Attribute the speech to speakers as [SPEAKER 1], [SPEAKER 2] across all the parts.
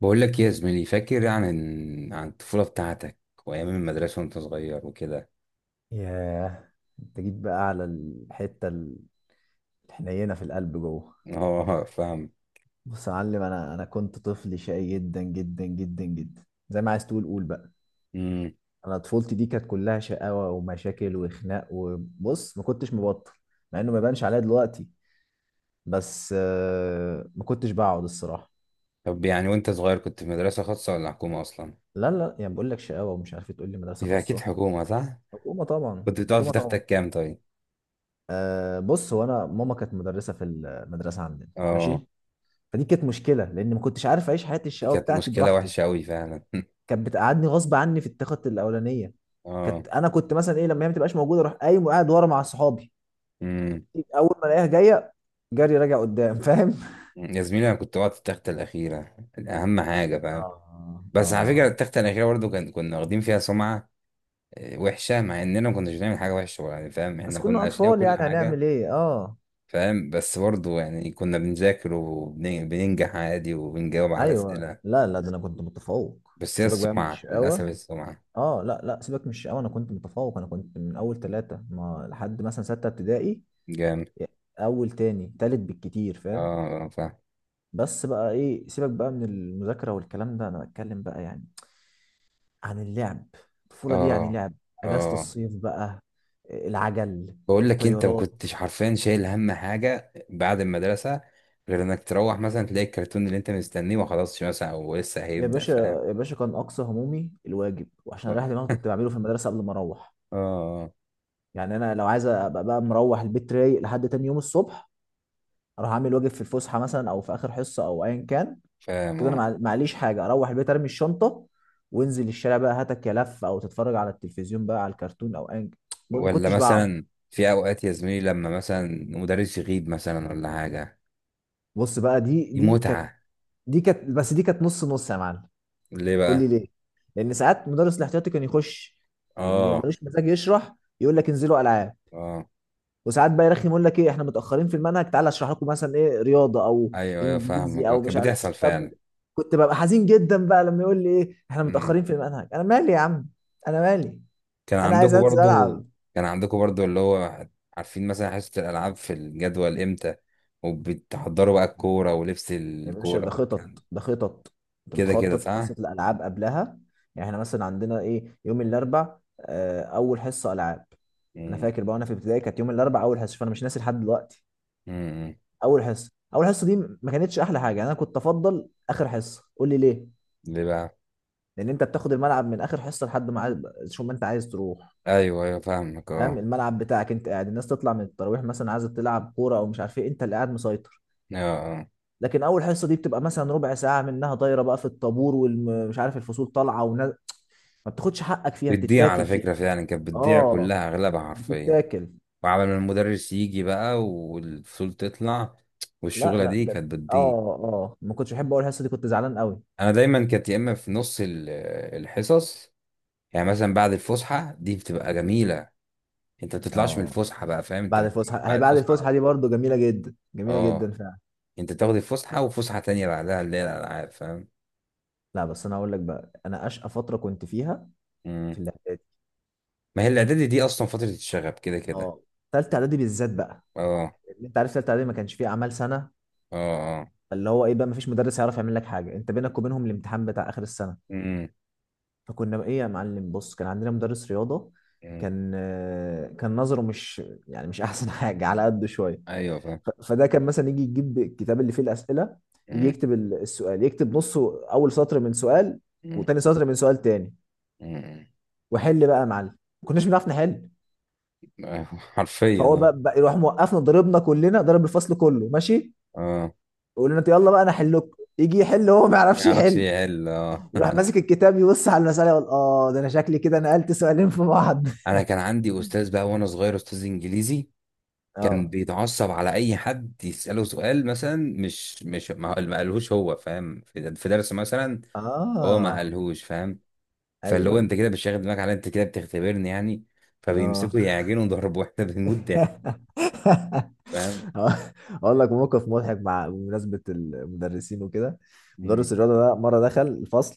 [SPEAKER 1] بقول لك إيه يا زميلي، فاكر عن الطفولة بتاعتك وأيام المدرسة وأنت صغير وكده؟
[SPEAKER 2] ياه، انت جيت بقى على الحتة الحنينة في القلب جوه.
[SPEAKER 1] اه، فاهم.
[SPEAKER 2] بص يا معلم، انا كنت طفل شقي جدا جدا جدا جدا، زي ما عايز تقول قول بقى.
[SPEAKER 1] امم.
[SPEAKER 2] انا طفولتي دي كانت كلها شقاوة ومشاكل وخناق، وبص ما كنتش مبطل. مع انه ما يبانش عليا دلوقتي. بس ما كنتش بقعد الصراحة.
[SPEAKER 1] طب يعني وأنت صغير كنت في مدرسة خاصة ولا حكومة أصلا؟
[SPEAKER 2] لا، لا، يعني بقول لك شقاوة ومش عارف إيه، تقول لي مدرسة
[SPEAKER 1] يبقى أكيد
[SPEAKER 2] خاصة؟
[SPEAKER 1] حكومة صح؟
[SPEAKER 2] حكومة طبعا،
[SPEAKER 1] كنت بتقعد في
[SPEAKER 2] حكومة طبعا.
[SPEAKER 1] تختك كام طيب؟
[SPEAKER 2] أه، بص هو انا ماما كانت مدرسة في المدرسة عندنا،
[SPEAKER 1] اه.
[SPEAKER 2] ماشي. فدي كانت مشكله، لان ما كنتش عارف اعيش حياتي
[SPEAKER 1] دي
[SPEAKER 2] الشقاوه
[SPEAKER 1] كانت
[SPEAKER 2] بتاعتي
[SPEAKER 1] مشكلة
[SPEAKER 2] براحتي.
[SPEAKER 1] وحشة أوي فعلا.
[SPEAKER 2] كانت بتقعدني غصب عني في التخت الاولانيه.
[SPEAKER 1] اه.
[SPEAKER 2] انا كنت مثلا ايه، لما هي ما تبقاش موجوده اروح قايم وقاعد ورا مع صحابي.
[SPEAKER 1] امم.
[SPEAKER 2] اول ما الاقيها جايه، جري راجع قدام. فاهم؟
[SPEAKER 1] يا زميلي، أنا كنت بقعد في التختة الأخيرة، أهم حاجة، فاهم.
[SPEAKER 2] اه،
[SPEAKER 1] بس على فكرة
[SPEAKER 2] اه.
[SPEAKER 1] التختة الأخيرة برضو كنا واخدين فيها سمعة. آه، وحشة، مع إننا ما كناش بنعمل حاجة وحشة يعني، فاهم،
[SPEAKER 2] بس
[SPEAKER 1] إحنا
[SPEAKER 2] كنا
[SPEAKER 1] كنا أشقياء
[SPEAKER 2] اطفال،
[SPEAKER 1] وكل
[SPEAKER 2] يعني هنعمل
[SPEAKER 1] حاجة.
[SPEAKER 2] ايه؟ اه.
[SPEAKER 1] فاهم، بس برضه يعني كنا بنذاكر وبننجح عادي وبنجاوب على
[SPEAKER 2] ايوه،
[SPEAKER 1] أسئلة.
[SPEAKER 2] لا، لا، ده انا كنت متفوق.
[SPEAKER 1] بس هي
[SPEAKER 2] سيبك بقى من
[SPEAKER 1] السمعة للأسف،
[SPEAKER 2] الشقاوه.
[SPEAKER 1] السمعة.
[SPEAKER 2] اه، لا، لا، سيبك من الشقاوه، انا كنت متفوق. انا كنت من اول ثلاثه، ما لحد مثلا سته ابتدائي.
[SPEAKER 1] جامد.
[SPEAKER 2] اول، تاني، تالت بالكتير،
[SPEAKER 1] اه،
[SPEAKER 2] فاهم؟
[SPEAKER 1] آه، فاهم.
[SPEAKER 2] بس بقى ايه، سيبك بقى من المذاكرة والكلام ده، انا بتكلم بقى يعني عن اللعب. الطفولة دي يعني
[SPEAKER 1] اه،
[SPEAKER 2] لعب. اجازة
[SPEAKER 1] اه.
[SPEAKER 2] الصيف بقى. العجل.
[SPEAKER 1] بقول لك انت ما
[SPEAKER 2] الطيارات.
[SPEAKER 1] كنتش حرفيا شايل هم حاجة بعد المدرسة، غير انك تروح مثلا تلاقي الكرتون اللي انت مستنيه ما خلصش مثلا او لسه
[SPEAKER 2] يا
[SPEAKER 1] هيبدأ،
[SPEAKER 2] باشا،
[SPEAKER 1] فاهم.
[SPEAKER 2] يا باشا، كان اقصى همومي الواجب، وعشان
[SPEAKER 1] اه،
[SPEAKER 2] اريح دماغي
[SPEAKER 1] آه،
[SPEAKER 2] كنت بعمله في المدرسة قبل ما اروح.
[SPEAKER 1] آه.
[SPEAKER 2] يعني انا لو عايز ابقى بقى مروح البيت رايق لحد تاني يوم الصبح، اروح اعمل واجب في الفسحة مثلا، او في اخر حصة، او ايا كان.
[SPEAKER 1] فاهم،
[SPEAKER 2] كده انا
[SPEAKER 1] اه.
[SPEAKER 2] معليش حاجة، اروح البيت ارمي الشنطة، وانزل الشارع بقى هاتك يا لف، او تتفرج على التلفزيون بقى على الكرتون، او ايا كان. ما
[SPEAKER 1] ولا
[SPEAKER 2] كنتش بقعد.
[SPEAKER 1] مثلا في اوقات يا زميلي لما مثلا مدرس يغيب مثلا ولا حاجة.
[SPEAKER 2] بص بقى، دي
[SPEAKER 1] دي
[SPEAKER 2] دي كانت،
[SPEAKER 1] متعة.
[SPEAKER 2] دي كانت. بس دي كانت نص نص يا معلم.
[SPEAKER 1] ليه
[SPEAKER 2] قول لي
[SPEAKER 1] بقى؟
[SPEAKER 2] ليه. لان ساعات مدرس الاحتياطي كان يخش، م-
[SPEAKER 1] اه،
[SPEAKER 2] ملوش مزاج يشرح، يقول لك انزلوا العاب.
[SPEAKER 1] اه.
[SPEAKER 2] وساعات بقى يرخم يقول لك ايه احنا متاخرين في المنهج، تعالى اشرح لكم مثلا ايه رياضه او
[SPEAKER 1] ايوه، ايوه،
[SPEAKER 2] انجليزي
[SPEAKER 1] فاهمك، آه،
[SPEAKER 2] او مش
[SPEAKER 1] كانت
[SPEAKER 2] عارف،
[SPEAKER 1] بتحصل
[SPEAKER 2] طب.
[SPEAKER 1] فعلا.
[SPEAKER 2] كنت ببقى حزين جدا بقى لما يقول لي ايه احنا
[SPEAKER 1] مم.
[SPEAKER 2] متاخرين في المنهج. انا مالي يا عم، انا مالي،
[SPEAKER 1] كان
[SPEAKER 2] انا عايز
[SPEAKER 1] عندكم
[SPEAKER 2] انزل
[SPEAKER 1] برضو
[SPEAKER 2] العب.
[SPEAKER 1] كان عندكم برضو اللي هو عارفين مثلا حصة الالعاب في الجدول امتى، وبتحضروا بقى الكورة ولبس
[SPEAKER 2] يا باشا،
[SPEAKER 1] الكورة
[SPEAKER 2] ده خطط،
[SPEAKER 1] والكلام،
[SPEAKER 2] ده خطط. انت
[SPEAKER 1] كده كده
[SPEAKER 2] بتخطط حصة
[SPEAKER 1] صح؟
[SPEAKER 2] الالعاب قبلها. يعني احنا مثلا عندنا ايه يوم الاربع اول حصة العاب. انا
[SPEAKER 1] مم.
[SPEAKER 2] فاكر بقى وانا في ابتدائي كانت يوم الاربع اول حصة، فانا مش ناسي لحد دلوقتي.
[SPEAKER 1] مم.
[SPEAKER 2] اول حصة، اول حصة دي ما كانتش احلى حاجة. يعني انا كنت افضل اخر حصة. قول لي ليه.
[SPEAKER 1] ليه بقى؟
[SPEAKER 2] لان انت بتاخد الملعب من اخر حصة لحد ما عايز، شو ما انت عايز تروح.
[SPEAKER 1] ايوه، ايوه، فاهمك،
[SPEAKER 2] فاهم؟
[SPEAKER 1] اه.
[SPEAKER 2] الملعب بتاعك انت قاعد، الناس تطلع من التراويح مثلا عايزه تلعب كوره او مش عارف ايه، انت اللي قاعد مسيطر.
[SPEAKER 1] اه، اه.
[SPEAKER 2] لكن اول حصه دي بتبقى مثلا ربع ساعه منها طايره بقى في الطابور ومش عارف الفصول طالعه، ما بتاخدش حقك فيها،
[SPEAKER 1] بتضيع على
[SPEAKER 2] بتتاكل فيها.
[SPEAKER 1] فكرة، فعلا كانت بتضيع
[SPEAKER 2] اه،
[SPEAKER 1] كلها اغلبها حرفيا.
[SPEAKER 2] بتتاكل.
[SPEAKER 1] وعمل ما المدرس يجي بقى والفصول تطلع،
[SPEAKER 2] لا،
[SPEAKER 1] والشغلة
[SPEAKER 2] لا،
[SPEAKER 1] دي
[SPEAKER 2] كده.
[SPEAKER 1] كانت
[SPEAKER 2] اه،
[SPEAKER 1] بتضيع.
[SPEAKER 2] اه، ما كنتش بحب. اقول الحصه دي كنت زعلان قوي.
[SPEAKER 1] انا دايما كانت يا اما في نص الحصص، يعني مثلا بعد الفسحه دي بتبقى جميله، انت ما بتطلعش من
[SPEAKER 2] اه،
[SPEAKER 1] الفسحه بقى، فاهم، انت
[SPEAKER 2] بعد
[SPEAKER 1] بتكمل
[SPEAKER 2] الفسحه، هي
[SPEAKER 1] بعد
[SPEAKER 2] بعد
[SPEAKER 1] الفسحه على
[SPEAKER 2] الفسحه
[SPEAKER 1] طول.
[SPEAKER 2] دي برضو جميله جدا، جميله جدا
[SPEAKER 1] اه.
[SPEAKER 2] فعلا.
[SPEAKER 1] انت بتاخد الفسحه وفسحه تانية بعدها اللي هي الالعاب، فاهم.
[SPEAKER 2] لا، بس انا هقول لك بقى، انا اشقى فتره كنت فيها
[SPEAKER 1] مم.
[SPEAKER 2] في الاعدادي.
[SPEAKER 1] ما هي الاعدادي دي اصلا فتره الشغب كده كده.
[SPEAKER 2] اه، ثالثه اعدادي بالذات بقى.
[SPEAKER 1] اه،
[SPEAKER 2] اللي انت عارف، ثالثه اعدادي ما كانش فيه اعمال سنه،
[SPEAKER 1] اه، اه.
[SPEAKER 2] اللي هو ايه بقى، ما فيش مدرس هيعرف يعمل لك حاجه، انت بينك وبينهم الامتحان بتاع اخر السنه.
[SPEAKER 1] مم.
[SPEAKER 2] فكنا بقى ايه يا معلم، بص كان عندنا مدرس رياضه،
[SPEAKER 1] مم.
[SPEAKER 2] كان نظره مش، يعني مش احسن حاجه، على قده شويه.
[SPEAKER 1] ايوه فاهم.
[SPEAKER 2] فده كان مثلا يجي يجيب الكتاب اللي فيه الاسئله، يجي
[SPEAKER 1] مم.
[SPEAKER 2] يكتب السؤال، يكتب نصه اول سطر من سؤال
[SPEAKER 1] مم.
[SPEAKER 2] وتاني سطر من سؤال تاني،
[SPEAKER 1] مم.
[SPEAKER 2] وحل بقى يا معلم. ما كناش بنعرف نحل.
[SPEAKER 1] أيوة، حرفيا،
[SPEAKER 2] فهو
[SPEAKER 1] اه.
[SPEAKER 2] بقى يروح موقفنا ضربنا كلنا، ضرب الفصل كله، ماشي.
[SPEAKER 1] اه،
[SPEAKER 2] يقول لنا يلا بقى انا احل لكم، يجي يحل، هو ما
[SPEAKER 1] ما
[SPEAKER 2] يعرفش
[SPEAKER 1] يعرفش
[SPEAKER 2] يحل.
[SPEAKER 1] يحل، اه.
[SPEAKER 2] يروح ماسك الكتاب يبص على المساله يقول اه ده انا شكلي كده نقلت سؤالين في بعض.
[SPEAKER 1] انا كان عندي استاذ بقى وانا صغير، استاذ انجليزي، كان
[SPEAKER 2] اه،
[SPEAKER 1] بيتعصب على اي حد يساله سؤال مثلا مش ما قالهوش هو، فاهم، في درس مثلا، هو ما
[SPEAKER 2] اه،
[SPEAKER 1] قالهوش، فاهم. فاللي
[SPEAKER 2] ايوه،
[SPEAKER 1] هو انت
[SPEAKER 2] ايوه،
[SPEAKER 1] كده بتشغل دماغك على، انت كده بتختبرني يعني،
[SPEAKER 2] اه.
[SPEAKER 1] فبيمسكوا يعجنوا ضرب واحنا بنموت ضحك، فاهم.
[SPEAKER 2] اقول لك موقف مضحك، مع بمناسبه المدرسين وكده.
[SPEAKER 1] مم.
[SPEAKER 2] مدرس الرياضه ده مره دخل الفصل،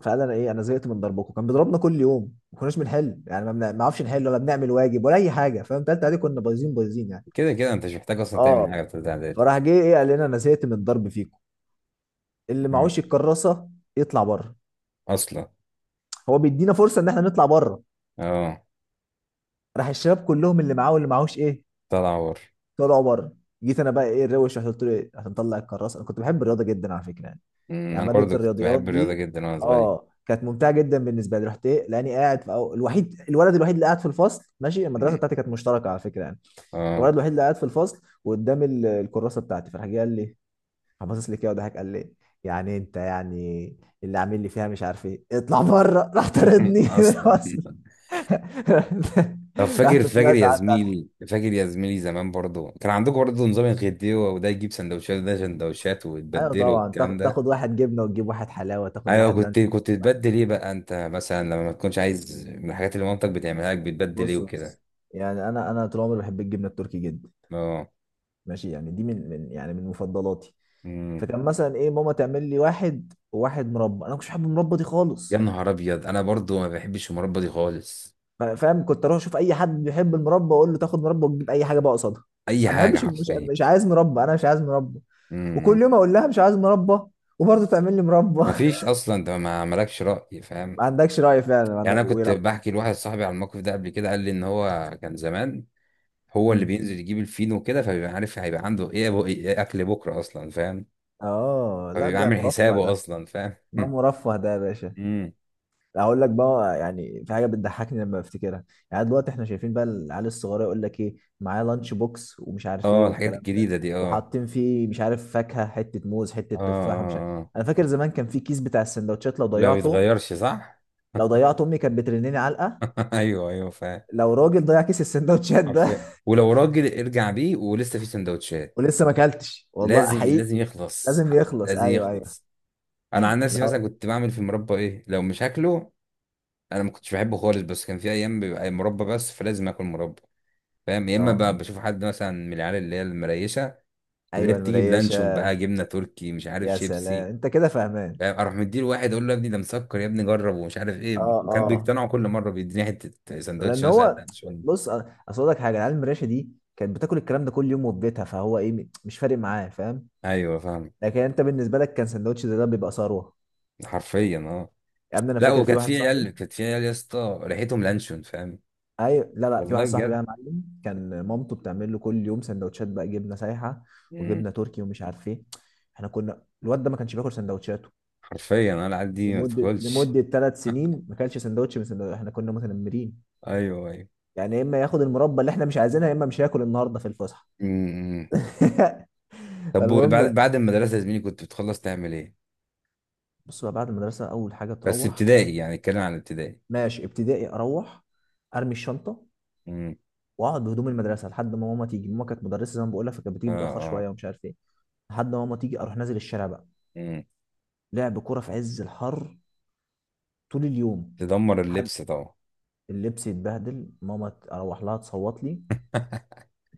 [SPEAKER 2] فقال انا ايه، انا زهقت من ضربكم. كان بيضربنا كل يوم، ما كناش بنحل، يعني ما نعرفش نحل ولا بنعمل واجب ولا اي حاجه، فاهم؟ تالتة عادي كنا بايظين بايظين يعني.
[SPEAKER 1] كده كده انت مش محتاج اصلا تعمل
[SPEAKER 2] اه،
[SPEAKER 1] حاجه في تالتة اعدادي.
[SPEAKER 2] فراح جه ايه قال لنا انا زهقت من الضرب فيكم، اللي
[SPEAKER 1] مم.
[SPEAKER 2] معهوش الكراسه يطلع بره.
[SPEAKER 1] اصلا.
[SPEAKER 2] هو بيدينا فرصه ان احنا نطلع بره.
[SPEAKER 1] اه.
[SPEAKER 2] راح الشباب كلهم اللي معاه واللي معهوش ايه
[SPEAKER 1] طلع عور.
[SPEAKER 2] طلعوا بره. جيت انا بقى ايه الروش، رحت قلت له ايه عشان اطلع الكراسه، انا كنت بحب الرياضه جدا على فكره يعني،
[SPEAKER 1] مم.
[SPEAKER 2] يعني
[SPEAKER 1] انا برضو
[SPEAKER 2] ماده
[SPEAKER 1] كنت
[SPEAKER 2] الرياضيات
[SPEAKER 1] بحب الرياضه
[SPEAKER 2] دي
[SPEAKER 1] جدا وانا صغير.
[SPEAKER 2] اه كانت ممتعه جدا بالنسبه لي. رحت ايه، لاني قاعد في الوحيد، الولد الوحيد اللي قاعد في الفصل، ماشي المدرسه
[SPEAKER 1] مم.
[SPEAKER 2] بتاعتي كانت مشتركه على فكره يعني.
[SPEAKER 1] اه.
[SPEAKER 2] الولد الوحيد اللي قاعد في الفصل وقدام الكراسه بتاعتي، فراح جه قال لي، فباصص لي كده وضحك قال لي، يعني انت يعني اللي عامل لي فيها مش عارف ايه، اطلع بره، راح طردني من
[SPEAKER 1] اصلا.
[SPEAKER 2] الفصل.
[SPEAKER 1] طب فاكر
[SPEAKER 2] رحت
[SPEAKER 1] فاكر
[SPEAKER 2] طلعت
[SPEAKER 1] يا
[SPEAKER 2] قعدت.
[SPEAKER 1] زميلي فاكر يا زميلي زمان برضو كان عندكم برضو نظام الغديوة، وده يجيب سندوتشات وده سندوتشات
[SPEAKER 2] ايوه
[SPEAKER 1] وتبدله
[SPEAKER 2] طبعا،
[SPEAKER 1] والكلام ده.
[SPEAKER 2] تاخد واحد جبنه وتجيب واحد حلاوه، تاخد
[SPEAKER 1] ايوه،
[SPEAKER 2] واحد
[SPEAKER 1] كنت
[SPEAKER 2] لانش
[SPEAKER 1] كنت
[SPEAKER 2] واحد.
[SPEAKER 1] تبدل ايه بقى انت مثلا لما ما تكونش عايز من الحاجات اللي مامتك بتعملها لك، بتبدل ايه
[SPEAKER 2] بص،
[SPEAKER 1] وكده.
[SPEAKER 2] بص. يعني انا طول عمري بحب الجبنه التركي جدا،
[SPEAKER 1] اه.
[SPEAKER 2] ماشي. يعني دي من يعني من مفضلاتي.
[SPEAKER 1] امم.
[SPEAKER 2] فكان مثلا ايه ماما تعمل لي واحد وواحد مربى، انا مش بحب المربى دي
[SPEAKER 1] يا
[SPEAKER 2] خالص.
[SPEAKER 1] نهار ابيض، انا برضو ما بحبش المربى دي خالص.
[SPEAKER 2] فاهم؟ كنت اروح اشوف اي حد بيحب المربى اقول له تاخد مربى وتجيب اي حاجه بقى قصادها.
[SPEAKER 1] اي
[SPEAKER 2] انا ما
[SPEAKER 1] حاجه
[SPEAKER 2] بحبش، مش
[SPEAKER 1] حرفيا.
[SPEAKER 2] مش عايز مربى، انا مش عايز مربى.
[SPEAKER 1] امم.
[SPEAKER 2] وكل يوم اقول لها مش عايز مربى، وبرضه تعمل لي مربى.
[SPEAKER 1] ما فيش اصلا، انت ما مالكش راي، فاهم.
[SPEAKER 2] ما عندكش راي فعلا، ما
[SPEAKER 1] يعني
[SPEAKER 2] عندك
[SPEAKER 1] انا كنت
[SPEAKER 2] ولو.
[SPEAKER 1] بحكي لواحد صاحبي على الموقف ده قبل كده، قال لي ان هو كان زمان هو اللي
[SPEAKER 2] مم.
[SPEAKER 1] بينزل يجيب الفينو كده، فبيبقى عارف هيبقى عنده ايه، إيه اكل بكره اصلا، فاهم.
[SPEAKER 2] اه، لا،
[SPEAKER 1] فبيبقى
[SPEAKER 2] ده
[SPEAKER 1] عامل
[SPEAKER 2] مرفه
[SPEAKER 1] حسابه
[SPEAKER 2] ده.
[SPEAKER 1] اصلا، فاهم.
[SPEAKER 2] ما مرفه ده يا باشا.
[SPEAKER 1] امم.
[SPEAKER 2] اقول لك بقى يعني في حاجه بتضحكني لما بفتكرها. يعني دلوقتي احنا شايفين بقى العيال الصغيره يقول لك ايه معاه لانش بوكس ومش عارف ايه
[SPEAKER 1] اه، الحاجات
[SPEAKER 2] والكلام ده،
[SPEAKER 1] الجديده دي، اه.
[SPEAKER 2] وحاطين فيه مش عارف فاكهه، حته موز، حته
[SPEAKER 1] اه،
[SPEAKER 2] تفاح، ومش عارف.
[SPEAKER 1] اه، اه.
[SPEAKER 2] انا فاكر زمان كان في كيس بتاع السندوتشات لو
[SPEAKER 1] لا
[SPEAKER 2] ضيعته،
[SPEAKER 1] بيتغيرش صح.
[SPEAKER 2] لو ضيعته امي كانت بترنني علقه.
[SPEAKER 1] ايوه، ايوه، فاهم.
[SPEAKER 2] لو راجل ضيع كيس السندوتشات ده!
[SPEAKER 1] حرفيا ولو راجل ارجع بيه ولسه في سندوتشات.
[SPEAKER 2] ولسه ما اكلتش، والله
[SPEAKER 1] لازم
[SPEAKER 2] حقيقي.
[SPEAKER 1] لازم يخلص
[SPEAKER 2] لازم يخلص.
[SPEAKER 1] لازم
[SPEAKER 2] ايوه، ايوه.
[SPEAKER 1] يخلص. انا عن نفسي
[SPEAKER 2] لا.
[SPEAKER 1] مثلا كنت بعمل في المربى ايه لو مش هاكله. انا ما كنتش بحبه خالص بس كان في ايام بيبقى مربى بس فلازم اكل مربى. فاهم؟ يا اما
[SPEAKER 2] اه،
[SPEAKER 1] بقى بشوف حد مثلا من العيال اللي هي المريشه، اللي هي
[SPEAKER 2] ايوه
[SPEAKER 1] بتيجي بلانشون
[SPEAKER 2] المريشه.
[SPEAKER 1] بقى، جبنه تركي، مش عارف
[SPEAKER 2] يا سلام،
[SPEAKER 1] شيبسي.
[SPEAKER 2] انت كده فاهمان.
[SPEAKER 1] فاهم؟ اروح مديله واحد اقول له يا ابني ده مسكر يا ابني جرب ومش عارف ايه،
[SPEAKER 2] اه،
[SPEAKER 1] وكان
[SPEAKER 2] اه.
[SPEAKER 1] بيقتنعوا كل مره بيديني حته سندوتش
[SPEAKER 2] لان
[SPEAKER 1] مثلا
[SPEAKER 2] هو،
[SPEAKER 1] لانشون.
[SPEAKER 2] بص. اصل اقول لك حاجه، العيال المراشة دي كانت بتاكل الكلام ده كل يوم وفي بيتها، فهو ايه مش فارق معاه، فاهم؟
[SPEAKER 1] ايوه فاهم.
[SPEAKER 2] لكن انت بالنسبه لك كان سندوتش زي ده بيبقى ثروه.
[SPEAKER 1] حرفيا، اه.
[SPEAKER 2] يا ابني، انا
[SPEAKER 1] لا،
[SPEAKER 2] فاكر في
[SPEAKER 1] وكانت
[SPEAKER 2] واحد
[SPEAKER 1] في عيال
[SPEAKER 2] صاحبي.
[SPEAKER 1] كانت في عيال يا اسطى ريحتهم لانشون، فاهم.
[SPEAKER 2] ايوه، لا، لا، في
[SPEAKER 1] والله
[SPEAKER 2] واحد صاحبي بقى
[SPEAKER 1] بجد.
[SPEAKER 2] يا معلم، كان مامته بتعمل له كل يوم سندوتشات بقى جبنه سايحه
[SPEAKER 1] مم.
[SPEAKER 2] وجبنه تركي ومش عارف ايه. احنا كنا، الواد ده ما كانش بياكل سندوتشاته
[SPEAKER 1] حرفيا انا العيال دي ما
[SPEAKER 2] لمده
[SPEAKER 1] تدخلش.
[SPEAKER 2] لمده 3 سنين. ما كانش سندوتش من سندوتش، احنا كنا متنمرين.
[SPEAKER 1] ايوه، ايوه.
[SPEAKER 2] يعني يا اما ياخد المربى اللي احنا مش عايزينها، يا اما مش هياكل النهارده في الفسحه.
[SPEAKER 1] مم. طب بعد
[SPEAKER 2] فالمهم.
[SPEAKER 1] بعد المدرسه يا زميلي كنت بتخلص تعمل ايه؟
[SPEAKER 2] بص بقى بعد المدرسة، أول حاجة
[SPEAKER 1] بس
[SPEAKER 2] تروح.
[SPEAKER 1] ابتدائي، يعني اتكلم عن ابتدائي.
[SPEAKER 2] ماشي ابتدائي، أروح أرمي الشنطة
[SPEAKER 1] امم.
[SPEAKER 2] وأقعد بهدوم المدرسة لحد ما ماما تيجي. ماما كانت مدرسة زي ما بقول لك، فكانت
[SPEAKER 1] اه،
[SPEAKER 2] بتيجي متأخر
[SPEAKER 1] اه.
[SPEAKER 2] شوية ومش عارف إيه. لحد ما ماما تيجي أروح نازل الشارع بقى،
[SPEAKER 1] امم.
[SPEAKER 2] لعب كورة في عز الحر، طول اليوم.
[SPEAKER 1] تدمر
[SPEAKER 2] لحد
[SPEAKER 1] اللبس طبعا.
[SPEAKER 2] اللبس يتبهدل، ماما أروح لها تصوت لي،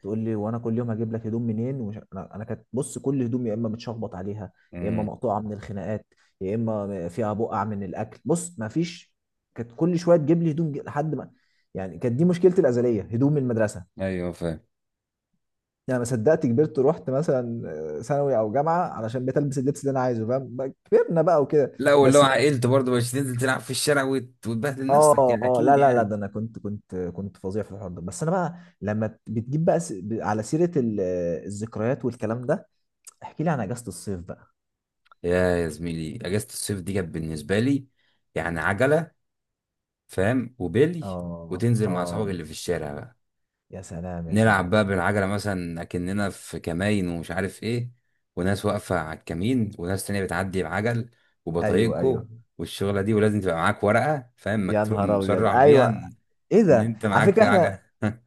[SPEAKER 2] تقول لي وانا كل يوم هجيب لك هدوم منين ومش. انا كانت، بص، كل هدوم يا اما متشخبط عليها، يا اما
[SPEAKER 1] مم.
[SPEAKER 2] مقطوعه من الخناقات، يا اما فيها بقع من الاكل، بص ما فيش. كانت كل شويه تجيب لي هدوم لحد ما، يعني كانت دي مشكلتي الازليه، هدوم من المدرسه.
[SPEAKER 1] ايوه فاهم.
[SPEAKER 2] يعني ما صدقت كبرت ورحت مثلا ثانوي او جامعه، علشان بقيت البس اللبس اللي انا عايزه، فاهم؟ بقى كبرنا بقى وكده.
[SPEAKER 1] لا، واللي هو
[SPEAKER 2] بس.
[SPEAKER 1] عائلته برضه مش تنزل تلعب في الشارع وتبهدل نفسك
[SPEAKER 2] اه،
[SPEAKER 1] يعني،
[SPEAKER 2] اه،
[SPEAKER 1] اكيد
[SPEAKER 2] لا، لا، لا،
[SPEAKER 1] يعني.
[SPEAKER 2] ده انا كنت فظيع في الحوار ده، بس انا بقى لما بتجيب بقى على سيره الذكريات والكلام ده، احكي لي عن اجازة الصيف بقى.
[SPEAKER 1] يا زميلي اجازه الصيف دي كانت بالنسبه لي يعني عجله، فاهم، وبيلي،
[SPEAKER 2] اه،
[SPEAKER 1] وتنزل مع اصحابك
[SPEAKER 2] اه.
[SPEAKER 1] اللي في الشارع بقى،
[SPEAKER 2] يا سلام، يا
[SPEAKER 1] نلعب
[SPEAKER 2] سلام.
[SPEAKER 1] بقى بالعجله، مثلا اكننا في كماين ومش عارف ايه، وناس واقفه على الكمين وناس تانية بتعدي بعجل،
[SPEAKER 2] ايوه، ايوه.
[SPEAKER 1] وبطايقكو، والشغله دي، ولازم تبقى معاك ورقه، فاهم،
[SPEAKER 2] يا
[SPEAKER 1] مكتوب
[SPEAKER 2] نهار ابيض،
[SPEAKER 1] مصرح بيها
[SPEAKER 2] ايوه.
[SPEAKER 1] ان
[SPEAKER 2] ايه
[SPEAKER 1] إن
[SPEAKER 2] ده،
[SPEAKER 1] انت
[SPEAKER 2] على
[SPEAKER 1] معاك
[SPEAKER 2] فكرة
[SPEAKER 1] عجل.
[SPEAKER 2] احنا،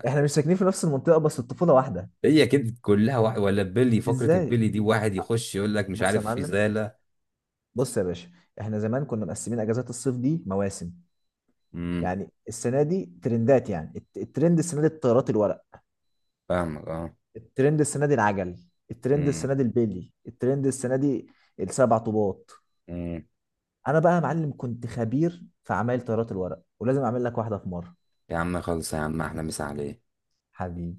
[SPEAKER 2] احنا مش ساكنين في نفس المنطقة بس الطفولة واحدة.
[SPEAKER 1] هي كده كلها واحد، ولا البلي، فقرة
[SPEAKER 2] ازاي؟
[SPEAKER 1] البلي دي واحد يخش يقول لك مش
[SPEAKER 2] بص يا
[SPEAKER 1] عارف
[SPEAKER 2] معلم،
[SPEAKER 1] إزالة.
[SPEAKER 2] بص يا باشا، احنا زمان كنا مقسمين اجازات الصيف دي مواسم.
[SPEAKER 1] امم.
[SPEAKER 2] يعني السنة دي ترندات، يعني الترند السنة دي الطيارات الورق،
[SPEAKER 1] فاهمك، اه.
[SPEAKER 2] الترند السنة دي العجل، الترند
[SPEAKER 1] امم.
[SPEAKER 2] السنة دي البيلي، الترند السنة دي السبع طوبات.
[SPEAKER 1] امم.
[SPEAKER 2] انا بقى يا معلم كنت خبير في عمايل طيارات الورق، ولازم اعمل لك واحدة في مرة.
[SPEAKER 1] يا عم خلص يا عم، احلى مسا عليك.
[SPEAKER 2] حبيبي.